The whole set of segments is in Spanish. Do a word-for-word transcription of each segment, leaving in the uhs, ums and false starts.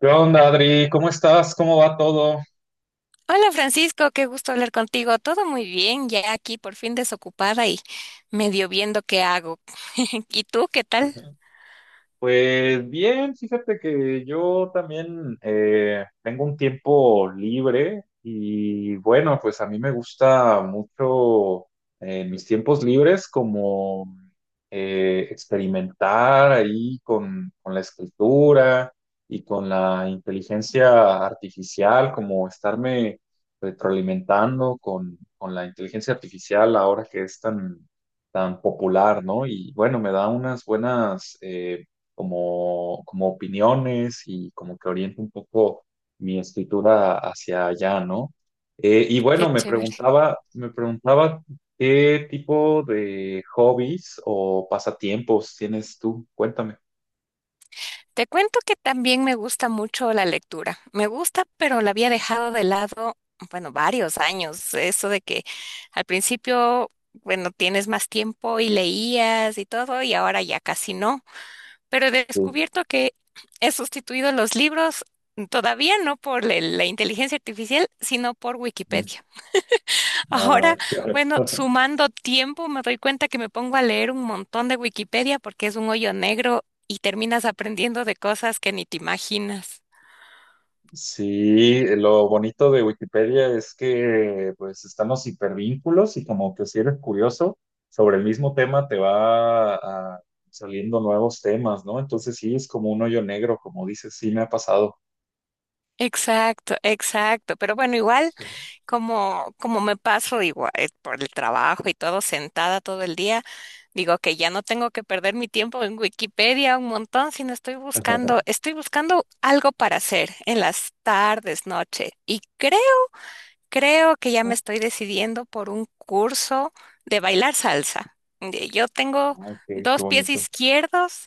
¿Qué onda, Adri? ¿Cómo estás? ¿Cómo va todo? Hola Francisco, qué gusto hablar contigo. Todo muy bien, ya aquí por fin desocupada y medio viendo qué hago. ¿Y tú qué tal? Ujú. Pues bien, fíjate que yo también eh, tengo un tiempo libre y bueno, pues a mí me gusta mucho eh, en mis tiempos libres como eh, experimentar ahí con, con la escritura y con la inteligencia artificial, como estarme retroalimentando con, con la inteligencia artificial ahora que es tan, tan popular, ¿no? Y bueno, me da unas buenas... eh, como, como opiniones y como que oriente un poco mi escritura hacia allá, ¿no? Eh, y Qué bueno, me chévere. preguntaba, me preguntaba qué tipo de hobbies o pasatiempos tienes tú. Cuéntame. Te cuento que también me gusta mucho la lectura. Me gusta, pero la había dejado de lado, bueno, varios años. Eso de que al principio, bueno, tienes más tiempo y leías y todo, y ahora ya casi no. Pero he Sí. descubierto que he sustituido los libros todavía no por la la inteligencia artificial, sino por Mm. Wikipedia. Ahora, Ah, claro. bueno, sumando tiempo, me doy cuenta que me pongo a leer un montón de Wikipedia porque es un hoyo negro y terminas aprendiendo de cosas que ni te imaginas. Sí, lo bonito de Wikipedia es que pues están los hipervínculos y como que si eres curioso sobre el mismo tema te va ah, saliendo nuevos temas, ¿no? Entonces sí, es como un hoyo negro, como dices, sí me ha pasado. Exacto, exacto. Pero bueno, igual. Como, como me paso igual eh, por el trabajo y todo sentada todo el día, digo que ya no tengo que perder mi tiempo en Wikipedia un montón, sino estoy buscando, estoy buscando algo para hacer en las tardes, noche. Y creo, creo que ya me Ah, estoy decidiendo por un curso de bailar salsa. Eh, Yo tengo ok, qué dos pies bonito. izquierdos,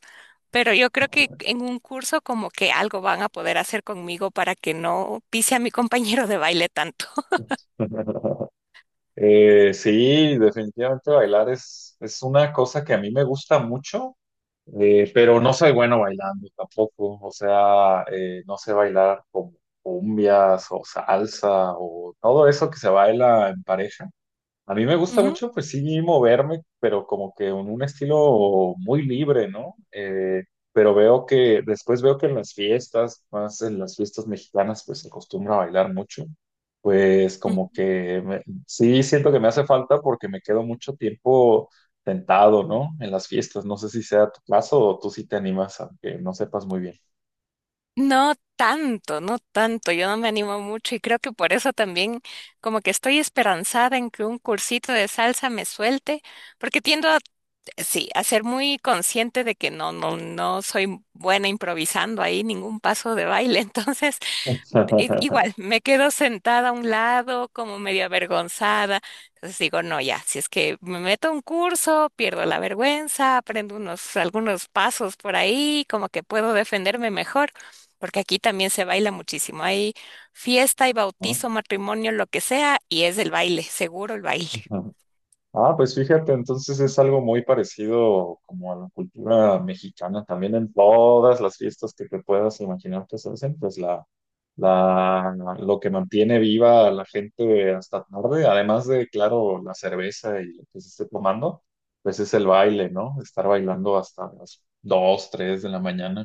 pero yo creo que en un curso como que algo van a poder hacer conmigo para que no pise a mi compañero de baile tanto. Eh, sí, definitivamente bailar es, es una cosa que a mí me gusta mucho. Eh, pero no soy bueno bailando tampoco, o sea, eh, no sé bailar como cumbias o salsa o todo eso que se baila en pareja. A mí me gusta Ujú, mucho, pues sí, moverme, pero como que en un estilo muy libre, ¿no? Eh, pero veo que, después veo que en las fiestas, más en las fiestas mexicanas, pues se acostumbra a bailar mucho. Pues como ujú. que me- sí siento que me hace falta porque me quedo mucho tiempo sentado, ¿no? En las fiestas. No sé si sea tu caso o tú sí te animas, aunque no sepas muy bien. No tanto, no tanto, yo no me animo mucho y creo que por eso también como que estoy esperanzada en que un cursito de salsa me suelte, porque tiendo a, sí, a ser muy consciente de que no, no, no soy buena improvisando ahí ningún paso de baile. Entonces, i- igual, me quedo sentada a un lado como medio avergonzada. Entonces digo, no, ya, si es que me meto a un curso, pierdo la vergüenza, aprendo unos, algunos pasos por ahí, como que puedo defenderme mejor, porque aquí también se baila muchísimo. Hay fiesta y bautizo, matrimonio, lo que sea, y es el baile, seguro el baile. ¿No? Ah, pues fíjate, entonces es algo muy parecido como a la cultura mexicana. También en todas las fiestas que te puedas imaginar que se hacen, pues la, la, lo que mantiene viva a la gente hasta tarde, además de, claro, la cerveza y lo que se esté tomando, pues es el baile, ¿no? Estar bailando hasta las dos, tres de la mañana.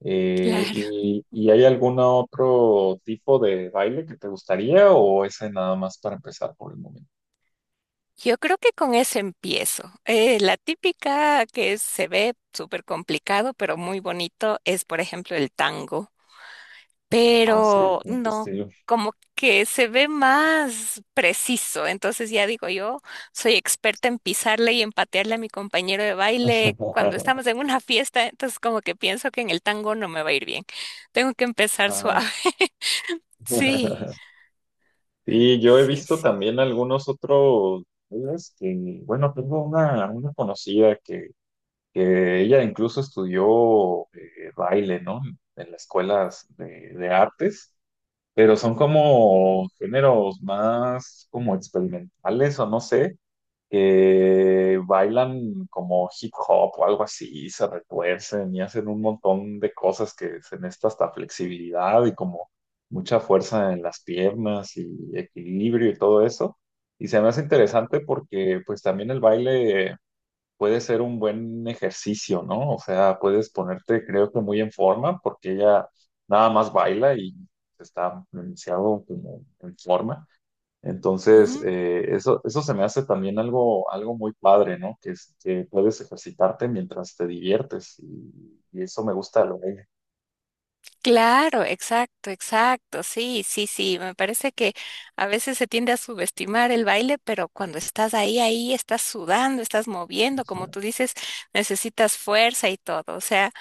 Eh, Claro, y, ¿Y hay algún otro tipo de baile que te gustaría o ese nada más para empezar por el momento? yo creo que con eso empiezo. Eh, la típica que se ve súper complicado, pero muy bonito, es por ejemplo el tango. Ah, sí, Pero ¿cómo qué no, estilo? como que se ve más preciso. Entonces ya digo, yo soy experta en pisarle y en patearle a mi compañero de baile cuando estamos en una fiesta, entonces como que pienso que en el tango no me va a ir bien. Tengo que empezar suave. Ajá. Sí, Sí, yo he sí, visto sí. también algunos otros, ¿sabes? Que, bueno, tengo una, una conocida que, que ella incluso estudió eh, baile, ¿no? En las escuelas de, de artes, pero son como géneros más como experimentales o no sé, que bailan como hip hop o algo así, y se retuercen y hacen un montón de cosas que se necesita hasta flexibilidad y como mucha fuerza en las piernas y equilibrio y todo eso. Y se me hace interesante porque pues también el baile puede ser un buen ejercicio, ¿no? O sea, puedes ponerte creo que muy en forma porque ella nada más baila y está pronunciado como en forma. Entonces, eh, eso, eso se me hace también algo, algo muy padre, ¿no? Que, es- que puedes ejercitarte mientras te diviertes y, y eso me gusta lo que... Claro, exacto, exacto, sí, sí, sí, me parece que a veces se tiende a subestimar el baile, pero cuando estás ahí, ahí estás sudando, estás moviendo, Ajá, como tú dices, necesitas fuerza y todo, o sea.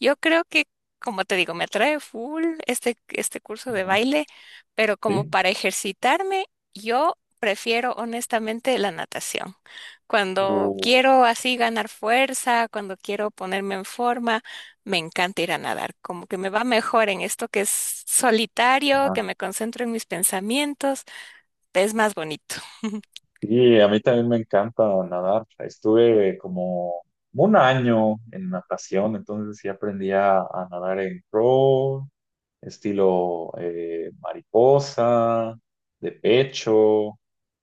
Yo creo que, como te digo, me atrae full este, este curso de baile, pero como sí. para ejercitarme, yo prefiero honestamente la natación. Cuando Uh, quiero así ganar fuerza, cuando quiero ponerme en forma, me encanta ir a nadar. Como que me va mejor en esto que es solitario, ajá. que me concentro en mis pensamientos, es más bonito. Sí, a mí también me encanta nadar. Estuve como un año en natación, entonces sí aprendí a, a nadar en pro, estilo eh, mariposa, de pecho,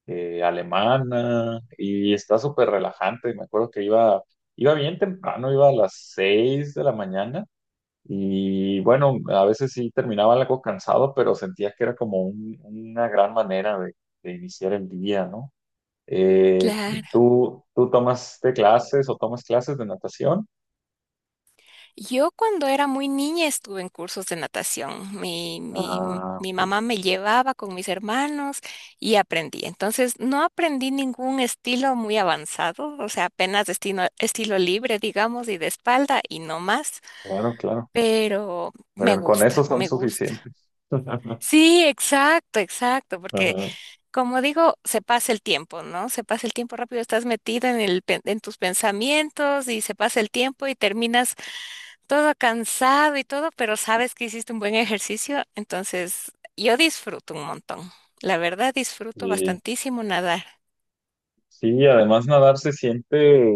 eh, alemana, y está súper relajante. Me acuerdo que iba, iba bien temprano, iba a las seis de la mañana, y bueno, a veces sí terminaba algo cansado, pero sentía que era como un- una gran manera de, de iniciar el día, ¿no? Eh, Claro. ¿tú, tú tomaste clases o tomas clases de natación? Yo cuando era muy niña estuve en cursos de natación. Mi, mi, m- Ah, mi ok, mamá me llevaba con mis hermanos y aprendí. Entonces no aprendí ningún estilo muy avanzado, o sea, apenas estilo, estilo libre, digamos, y de espalda y no más. claro, claro. Pero me Pero con gusta, eso son me gusta. suficientes. Sí, exacto, exacto, porque Ajá. como digo, se pasa el tiempo, ¿no? Se pasa el tiempo rápido, estás metida en el, pen- en tus pensamientos y se pasa el tiempo y terminas todo cansado y todo, pero sabes que hiciste un buen ejercicio, entonces yo disfruto un montón. La verdad, disfruto Y bastantísimo nadar. sí, además nadar se siente,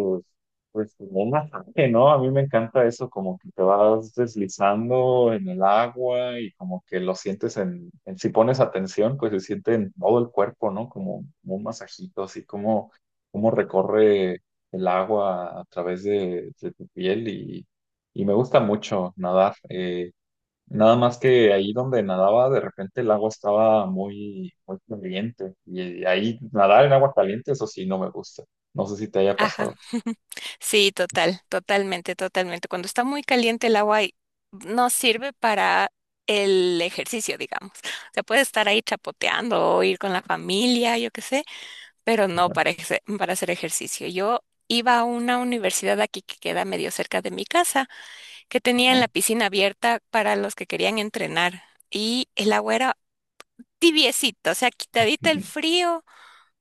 pues, como un masaje, ¿no? A mí me encanta eso, como que te vas deslizando en el agua y como que lo sientes en, en- si pones atención, pues se siente en todo el cuerpo, ¿no? Como, como un masajito, así como, como recorre el agua a través de, de tu piel y, y me gusta mucho nadar. Eh, Nada más que ahí donde nadaba, de repente el agua estaba muy, muy caliente. Y ahí nadar en agua caliente, eso sí, no me gusta. No sé si te haya Ajá. pasado. Sí, total, totalmente, totalmente. Cuando está muy caliente el agua y no sirve para el ejercicio, digamos. Se puede estar ahí chapoteando o ir con la familia, yo qué sé. Pero no Ujú. para, ejerce- para hacer ejercicio. Yo iba a una universidad aquí que queda medio cerca de mi casa, que tenían la Ujú. piscina abierta para los que querían entrenar y el agua era tibiecito, o sea, quitadita el frío,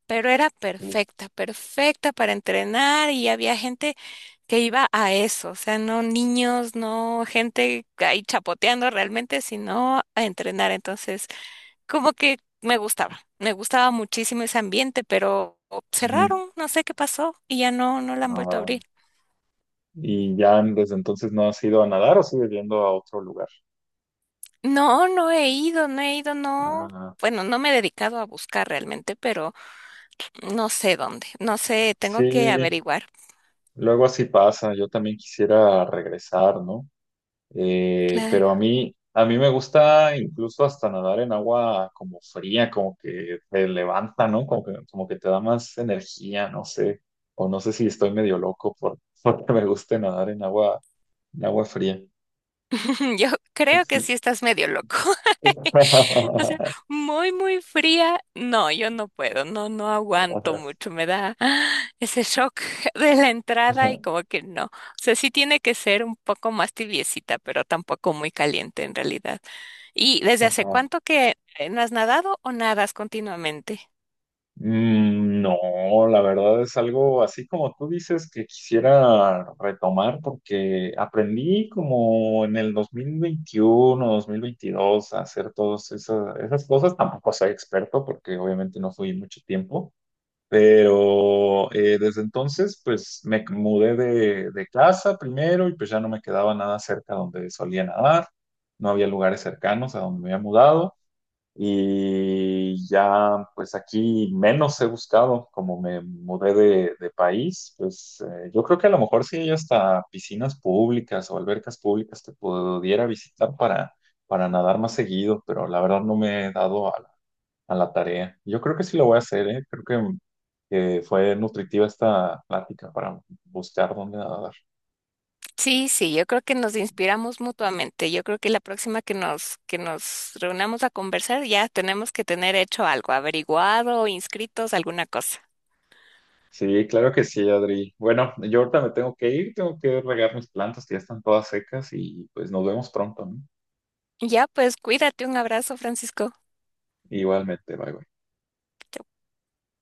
pero era Ujú. perfecta, perfecta para entrenar y había gente que iba a eso, o sea, no niños, no gente ahí chapoteando realmente, sino a entrenar. Entonces, como que me gustaba, me gustaba muchísimo ese ambiente, pero Ujú. cerraron, no sé qué pasó y ya no, no la han vuelto a Ah, abrir. y ya desde entonces no has ido a nadar o sigues yendo a otro lugar. No, no he ido, no he ido, no. Ah, Bueno, no me he dedicado a buscar realmente, pero no sé dónde, no sé, tengo que sí, averiguar. luego así pasa. Yo también quisiera regresar, ¿no? Eh, pero Claro. a mí, a mí me gusta incluso hasta nadar en agua como fría, como que te levanta, ¿no? Como que, como que te da más energía, no sé. O no sé si estoy medio loco por, porque me guste nadar en agua, en agua fría. Yo creo que sí estás medio loco. Ujú. O sea, muy, muy fría. No, yo no puedo, no, no aguanto mucho. Me da ah, ese shock de la entrada y como que no. O sea, sí tiene que ser un poco más tibiecita, pero tampoco muy caliente en realidad. ¿Y desde hace Ajá. cuánto que eh, no has nadado o nadas continuamente? Mm, no, la verdad es algo así como tú dices, que quisiera retomar porque aprendí como en el dos mil veintiuno, dos mil veintidós a hacer todas esas, esas cosas. Tampoco soy experto porque obviamente no fui mucho tiempo, pero eh, desde entonces pues me mudé de, de casa primero y pues ya no me quedaba nada cerca donde solía nadar. No había lugares cercanos a donde me había mudado. Y ya, pues aquí menos he buscado, como me mudé de, de país, pues eh, yo creo que a lo mejor sí hay hasta piscinas públicas o albercas públicas que pudiera visitar para, para nadar más seguido, pero la verdad no me he dado a la, a la tarea. Yo creo que sí lo voy a hacer, ¿eh? Creo que, que fue nutritiva esta plática para buscar dónde nadar. Sí, sí, yo creo que nos inspiramos mutuamente. Yo creo que la próxima que nos que nos reunamos a conversar ya tenemos que tener hecho algo, averiguado, inscritos, alguna cosa. Sí, claro que sí, Adri. Bueno, yo ahorita me tengo que ir, tengo que regar mis plantas que ya están todas secas y pues nos vemos pronto, ¿no? Ya, pues cuídate, un abrazo, Francisco. Igualmente, bye bye.